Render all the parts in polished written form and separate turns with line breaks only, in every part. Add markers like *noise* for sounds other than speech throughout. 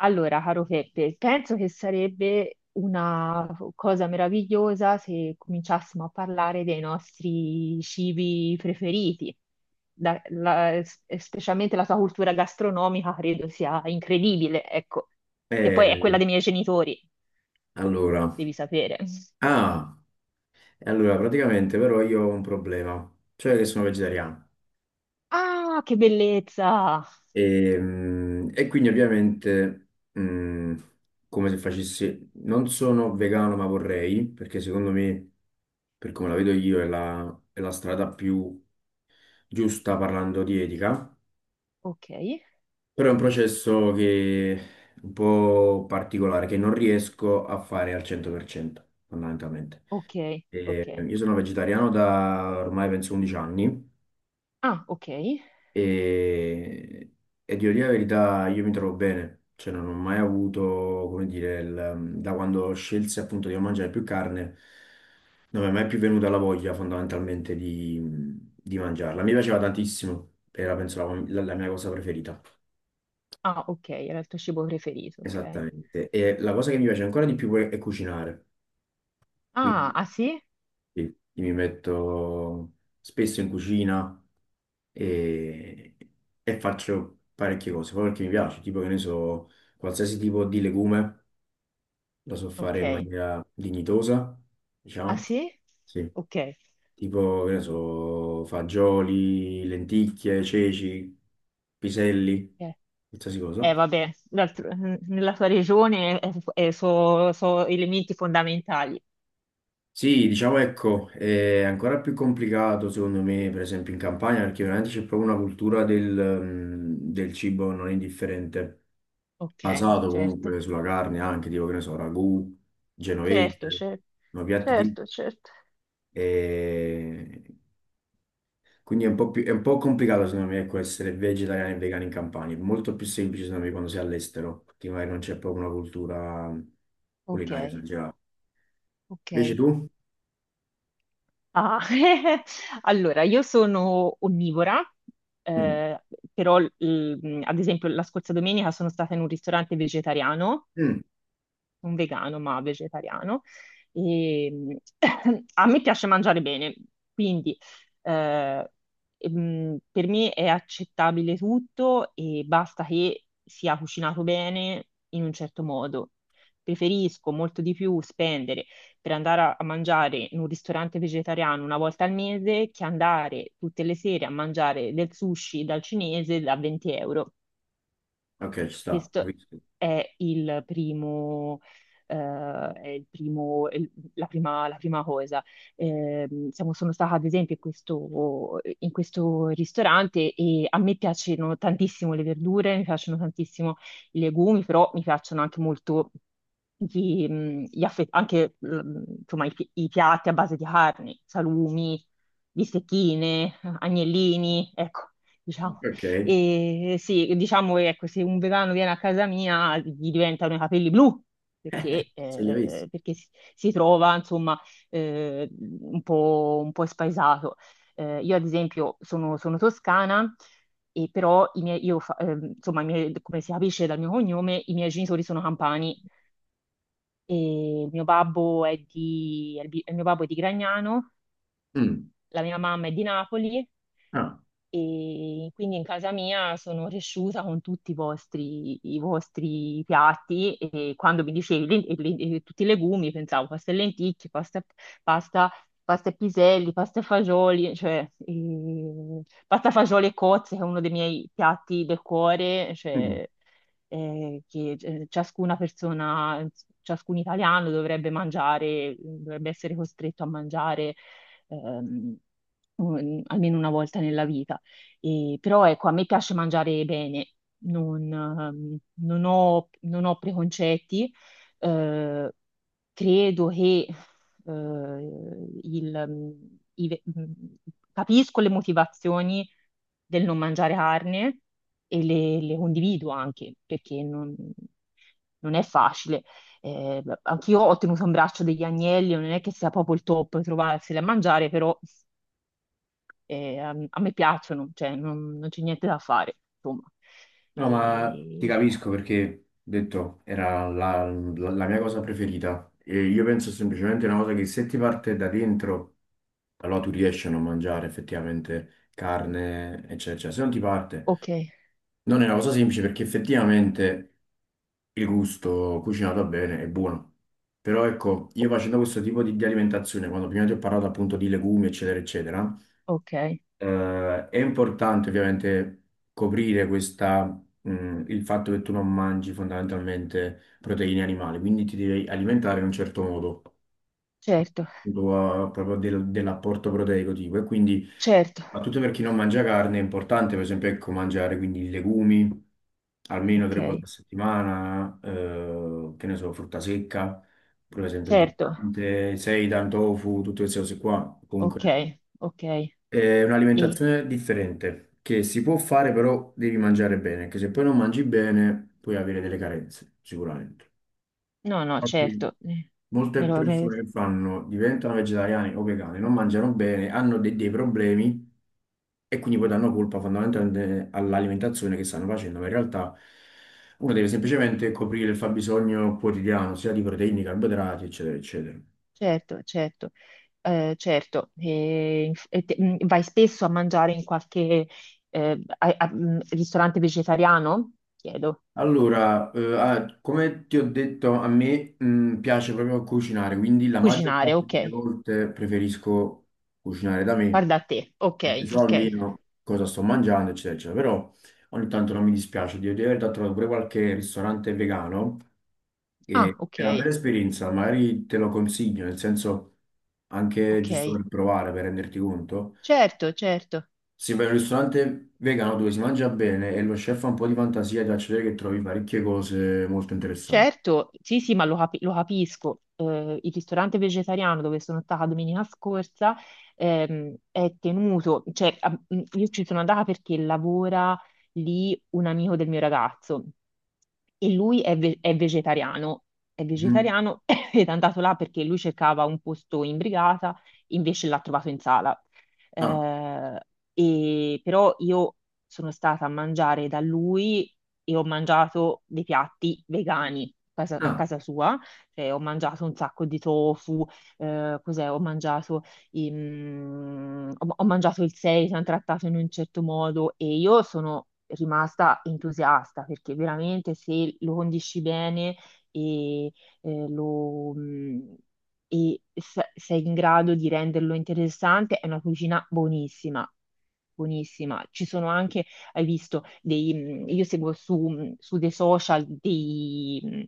Allora, caro Peppe, penso che sarebbe una cosa meravigliosa se cominciassimo a parlare dei nostri cibi preferiti. Specialmente la tua cultura gastronomica credo sia incredibile, ecco, che poi è quella
Eh,
dei miei genitori,
allora,
devi sapere.
ah, e allora praticamente però io ho un problema, cioè che sono vegetariano
Ah, che bellezza!
e e quindi ovviamente mm, come se facessi, non sono vegano ma vorrei, perché secondo me, per come la vedo io, è la strada più giusta parlando di etica,
Ok,
però è un processo che è un po' particolare, che non riesco a fare al 100%, fondamentalmente.
ok, ok.
E io sono vegetariano da ormai penso 11 anni
Ah, ok.
e, e devo dire la verità, io mi trovo bene, cioè non ho mai avuto, come dire, da quando scelsi appunto di non mangiare più carne, non mi è mai più venuta la voglia fondamentalmente di mangiarla. Mi piaceva tantissimo, era penso la mia cosa preferita,
Ah, ok, era il tuo cibo preferito, ok.
esattamente. E la cosa che mi piace ancora di più è cucinare,
Ah,
quindi
ah sì?
sì, mi metto spesso in cucina. e, e faccio parecchie cose, poi perché mi piace, tipo che ne so, qualsiasi tipo di legume lo so fare in
Ok.
maniera dignitosa,
Ah
diciamo,
sì?
sì,
Ok,
tipo che ne so, fagioli, lenticchie, ceci, piselli, qualsiasi
eh,
cosa.
vabbè, nella tua regione sono elementi fondamentali.
Sì, diciamo ecco, è ancora più complicato secondo me, per esempio in Campania, perché veramente c'è proprio una cultura del cibo non indifferente,
Ok,
basato
certo,
comunque sulla carne anche, tipo che ne so, ragù,
certo,
genovese,
certo,
no, piatti tipici.
certo, certo.
e Quindi è un po' è un po' complicato secondo me ecco, essere vegetariani e vegani in Campania, è molto più semplice secondo me quando sei all'estero, perché magari non c'è proprio una cultura
Ok,
culinaria, in generale. Invece
ok.
tu?
Ah, *laughs* Allora, io sono onnivora,
Mm.
eh, però ad esempio la scorsa domenica sono stata in un ristorante vegetariano
Mm.
un vegano ma vegetariano. E, *coughs* *clears throat* a me piace mangiare bene, quindi eh, per me è accettabile tutto e basta che sia cucinato bene in un certo modo. Preferisco molto di più spendere per andare a, mangiare in un ristorante vegetariano una volta al mese che andare tutte le sere a mangiare del sushi dal cinese da 20 euro.
Ok, ci sta,
Questo
capisco.
è il primo, eh, la prima cosa. Sono stata ad esempio in questo ristorante e a me piacciono tantissimo le verdure, mi piacciono tantissimo i legumi, però mi piacciono anche molto anche, insomma, i piatti a base di carni, salumi, bistecchine, agnellini, ecco, diciamo.
Ok,
E sì, diciamo che ecco, se un vegano viene a casa mia gli diventano i capelli blu perché,
se li avessi.
perché si, si trova insomma un po' spaesato. Io ad esempio sono, sono toscana e però i miei, io fa- insomma, i miei- come si capisce dal mio cognome, i miei genitori sono campani e il mio babbo è di- il mio babbo è di Gragnano,
Mm.
la mia mamma è di Napoli
Ah,
e quindi in casa mia sono cresciuta con tutti i vostri piatti e quando mi dicevi tutti i legumi pensavo pasta e lenticchie, pasta, pasta e piselli, pasta e fagioli, cioè pasta, fagioli e cozze, che è uno dei miei piatti del cuore,
mm.
cioè, eh, che eh, ciascuna persona, ciascun italiano dovrebbe mangiare, dovrebbe essere costretto a mangiare ehm, almeno una volta nella vita. Però ecco, a me piace mangiare bene, non, non ho preconcetti. Eh, credo che eh, il- mm, i- capisco le motivazioni del non mangiare carne, e le, condivido anche perché non, non è facile. Anch'io ho tenuto in braccio degli agnelli, non è che sia proprio il top trovarseli a mangiare, però. E, a me piacciono, cioè non, non c'è niente da fare, insomma.
No, ma ti
E-
capisco perché, ho detto, la mia cosa preferita. E io penso semplicemente una cosa che se ti parte da dentro, allora tu riesci a non mangiare effettivamente carne, eccetera, eccetera. Se non ti parte,
Ok,
non è una cosa semplice perché effettivamente il gusto cucinato bene è buono. Però ecco, io
o-
facendo questo tipo di alimentazione, quando prima ti ho parlato appunto di legumi, eccetera, eccetera,
ok,
eh, è importante ovviamente coprire questa, il fatto che tu non mangi fondamentalmente proteine animali, quindi ti devi alimentare in un certo modo,
certo,
tu, proprio dell'apporto proteico tipo. E quindi,
certo,
soprattutto per chi non mangia carne, è importante per esempio ecco, mangiare quindi legumi almeno
ok,
3 volte a settimana, che ne so, frutta secca, per esempio è
certo,
importante, seitan, tofu, tutte queste cose qua,
ok,
comunque
ok. E...
è un'alimentazione differente che si può fare, però devi mangiare bene, che se poi non mangi bene puoi avere delle carenze, sicuramente.
No, no,
Infatti,
certo,
molte
me lo- me-
persone che fanno, diventano vegetariani o vegani, non mangiano bene, hanno dei problemi e quindi poi danno colpa fondamentalmente all'alimentazione che stanno facendo, ma in realtà uno deve semplicemente coprire il fabbisogno quotidiano, sia di proteine, carboidrati, eccetera, eccetera.
certo, certo, certo. E, vai spesso a mangiare in qualche ristorante vegetariano? Chiedo.
Come ti ho detto, a me piace proprio cucinare, quindi la maggior
Cucinare,
parte
ok.
delle volte preferisco cucinare da me,
Guarda a te, ok,
perché so
ok.
almeno cosa sto mangiando, eccetera, eccetera. Però ogni tanto non mi dispiace di aver trovato pure qualche ristorante vegano,
Ah,
che
ok.
è una bella esperienza, magari te lo consiglio, nel senso anche giusto
Ok,
per provare, per renderti conto.
certo, certo,
Sì, per un ristorante vegano dove si mangia bene e lo chef ha un po' di fantasia, ti faccio vedere che trovi parecchie cose molto interessanti.
certo, sì, sì, ma lo, lo capisco. Il ristorante vegetariano dove sono stata domenica scorsa è tenuto, cioè io ci sono andata perché lavora lì un amico del mio ragazzo e lui è, è
Mhm.
vegetariano *laughs* *coughs* ed è andato là perché lui cercava un posto in brigata, invece l'ha trovato in sala.
Ah,
Eh, e però io sono stata a mangiare da lui e ho mangiato dei piatti vegani a
ah,
casa sua, cioè ho mangiato un sacco di tofu, cos'è? Ho mangiato, ho mangiato il seitan trattato in un certo modo, e io sono rimasta entusiasta perché veramente se lo condisci bene e eh, lo, mm, e se sei in grado di renderlo interessante, è una cucina buonissima. Buonissima. Ci sono anche, hai visto, io seguo su, su dei social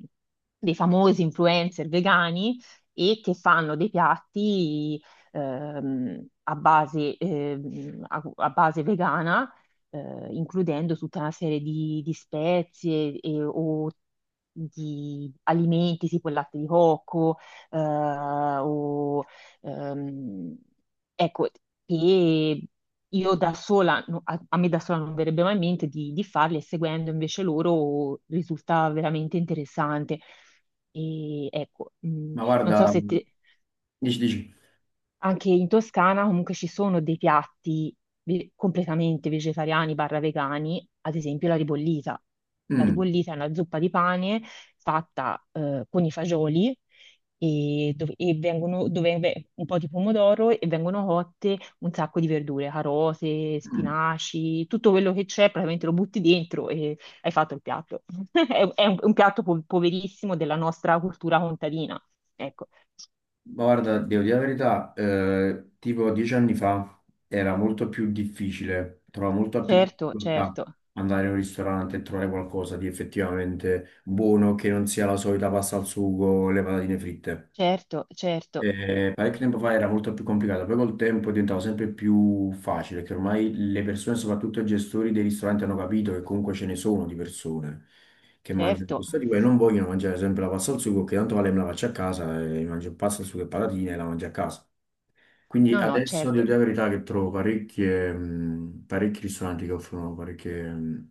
dei famosi influencer vegani, e che fanno dei piatti a base vegana, includendo tutta una serie di, spezie o di alimenti tipo il latte di cocco, eh, o, ehm, ecco, e io da sola, no, a, me da sola non verrebbe mai in mente di, farli, e seguendo invece loro risulta veramente interessante. E ecco,
ma
non so
guarda,
se te,
dici, dici,
anche in Toscana comunque ci sono dei piatti completamente vegetariani barra vegani, ad esempio la ribollita. La
mm,
ribollita è una zuppa di pane fatta con i fagioli e, dove un po' di pomodoro, e vengono cotte un sacco di verdure, carote,
mm,
spinaci, tutto quello che c'è, praticamente lo butti dentro e hai fatto il piatto. *laughs* È, è un piatto poverissimo della nostra cultura contadina. Ecco,
ma guarda, devo dire la verità, tipo 10 anni fa era molto più difficile, trovavo molta più
certo,
difficoltà
certo.
andare in un ristorante e trovare qualcosa di effettivamente buono che non sia la solita pasta al sugo o le patatine fritte.
Certo, certo,
Parecchio tempo fa era molto più complicato, poi col tempo diventava sempre più facile, che ormai le persone, soprattutto i gestori dei ristoranti, hanno capito che comunque ce ne sono di persone che mangiano
certo.
questo tipo e non vogliono mangiare sempre la pasta al sugo, che tanto vale me la faccio a casa e mangio pasta al sugo e patatine e la mangio a casa. Quindi
No, no,
adesso devo
certo.
dire la verità che trovo parecchie, parecchi ristoranti che offrono parecchie,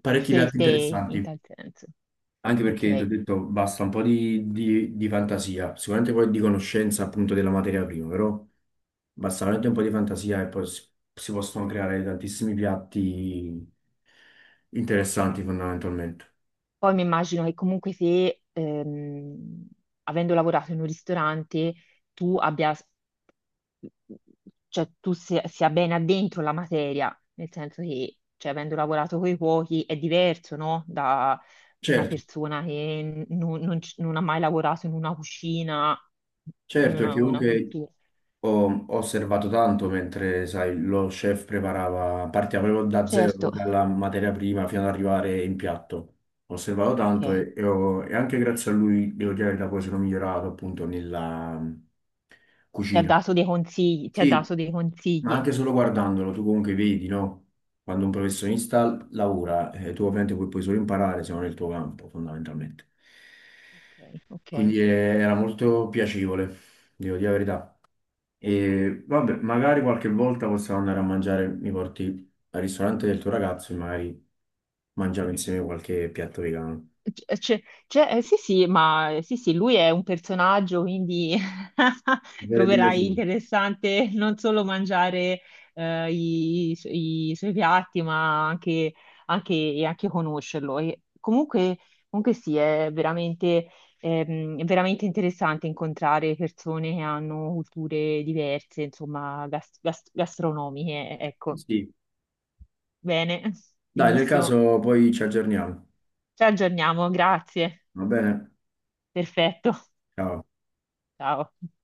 parecchi piatti
Scelte in
interessanti.
tal senso.
Anche perché ti ho
Ok.
detto basta un po' di fantasia, sicuramente poi di conoscenza appunto della materia prima, però. Basta veramente un po' di fantasia e poi si possono creare tantissimi piatti interessanti fondamentalmente.
Poi mi immagino che comunque se, avendo lavorato in un ristorante, tu abbia, cioè tu sia, sia ben addentro la materia, nel senso che, cioè, avendo lavorato con i cuochi è diverso, no? Da una
Certo,
persona che non, non ha mai lavorato in una cucina,
certo,
non ha
perché
una
comunque
cultura.
ho osservato tanto mentre, sai, lo chef preparava, partiva proprio da zero,
Certo,
proprio dalla materia prima fino ad arrivare in piatto. Ho osservato tanto
ok.
e e anche grazie a lui, devo dire la verità, poi sono migliorato appunto nella mm,
Ti ha
cucina.
dato dei consigli, ti ha
Sì,
dato dei
ma
consigli.
anche solo guardandolo, tu comunque vedi, no? Quando un professionista lavora, tu ovviamente puoi solo imparare se non è il tuo campo, fondamentalmente.
Ok, ok.
Quindi era molto piacevole, devo dire la verità. E vabbè, magari qualche volta possiamo andare a mangiare, mi porti al ristorante del tuo ragazzo e magari mangiamo insieme qualche piatto vegano.
C- c'è- sì, sì, ma sì, sì, lui è un personaggio, quindi
Mi
*laughs*
sarebbe
troverai
piacevole.
interessante non solo mangiare i suoi piatti, ma anche, anche conoscerlo. E comunque, comunque sì, è veramente interessante incontrare persone che hanno culture diverse, insomma, gastronomiche, ecco.
Sì.
Bene, *laughs*
Dai, nel
benissimo.
caso poi ci aggiorniamo.
Ci aggiorniamo, grazie.
Va bene?
Perfetto.
Ciao.
Ciao.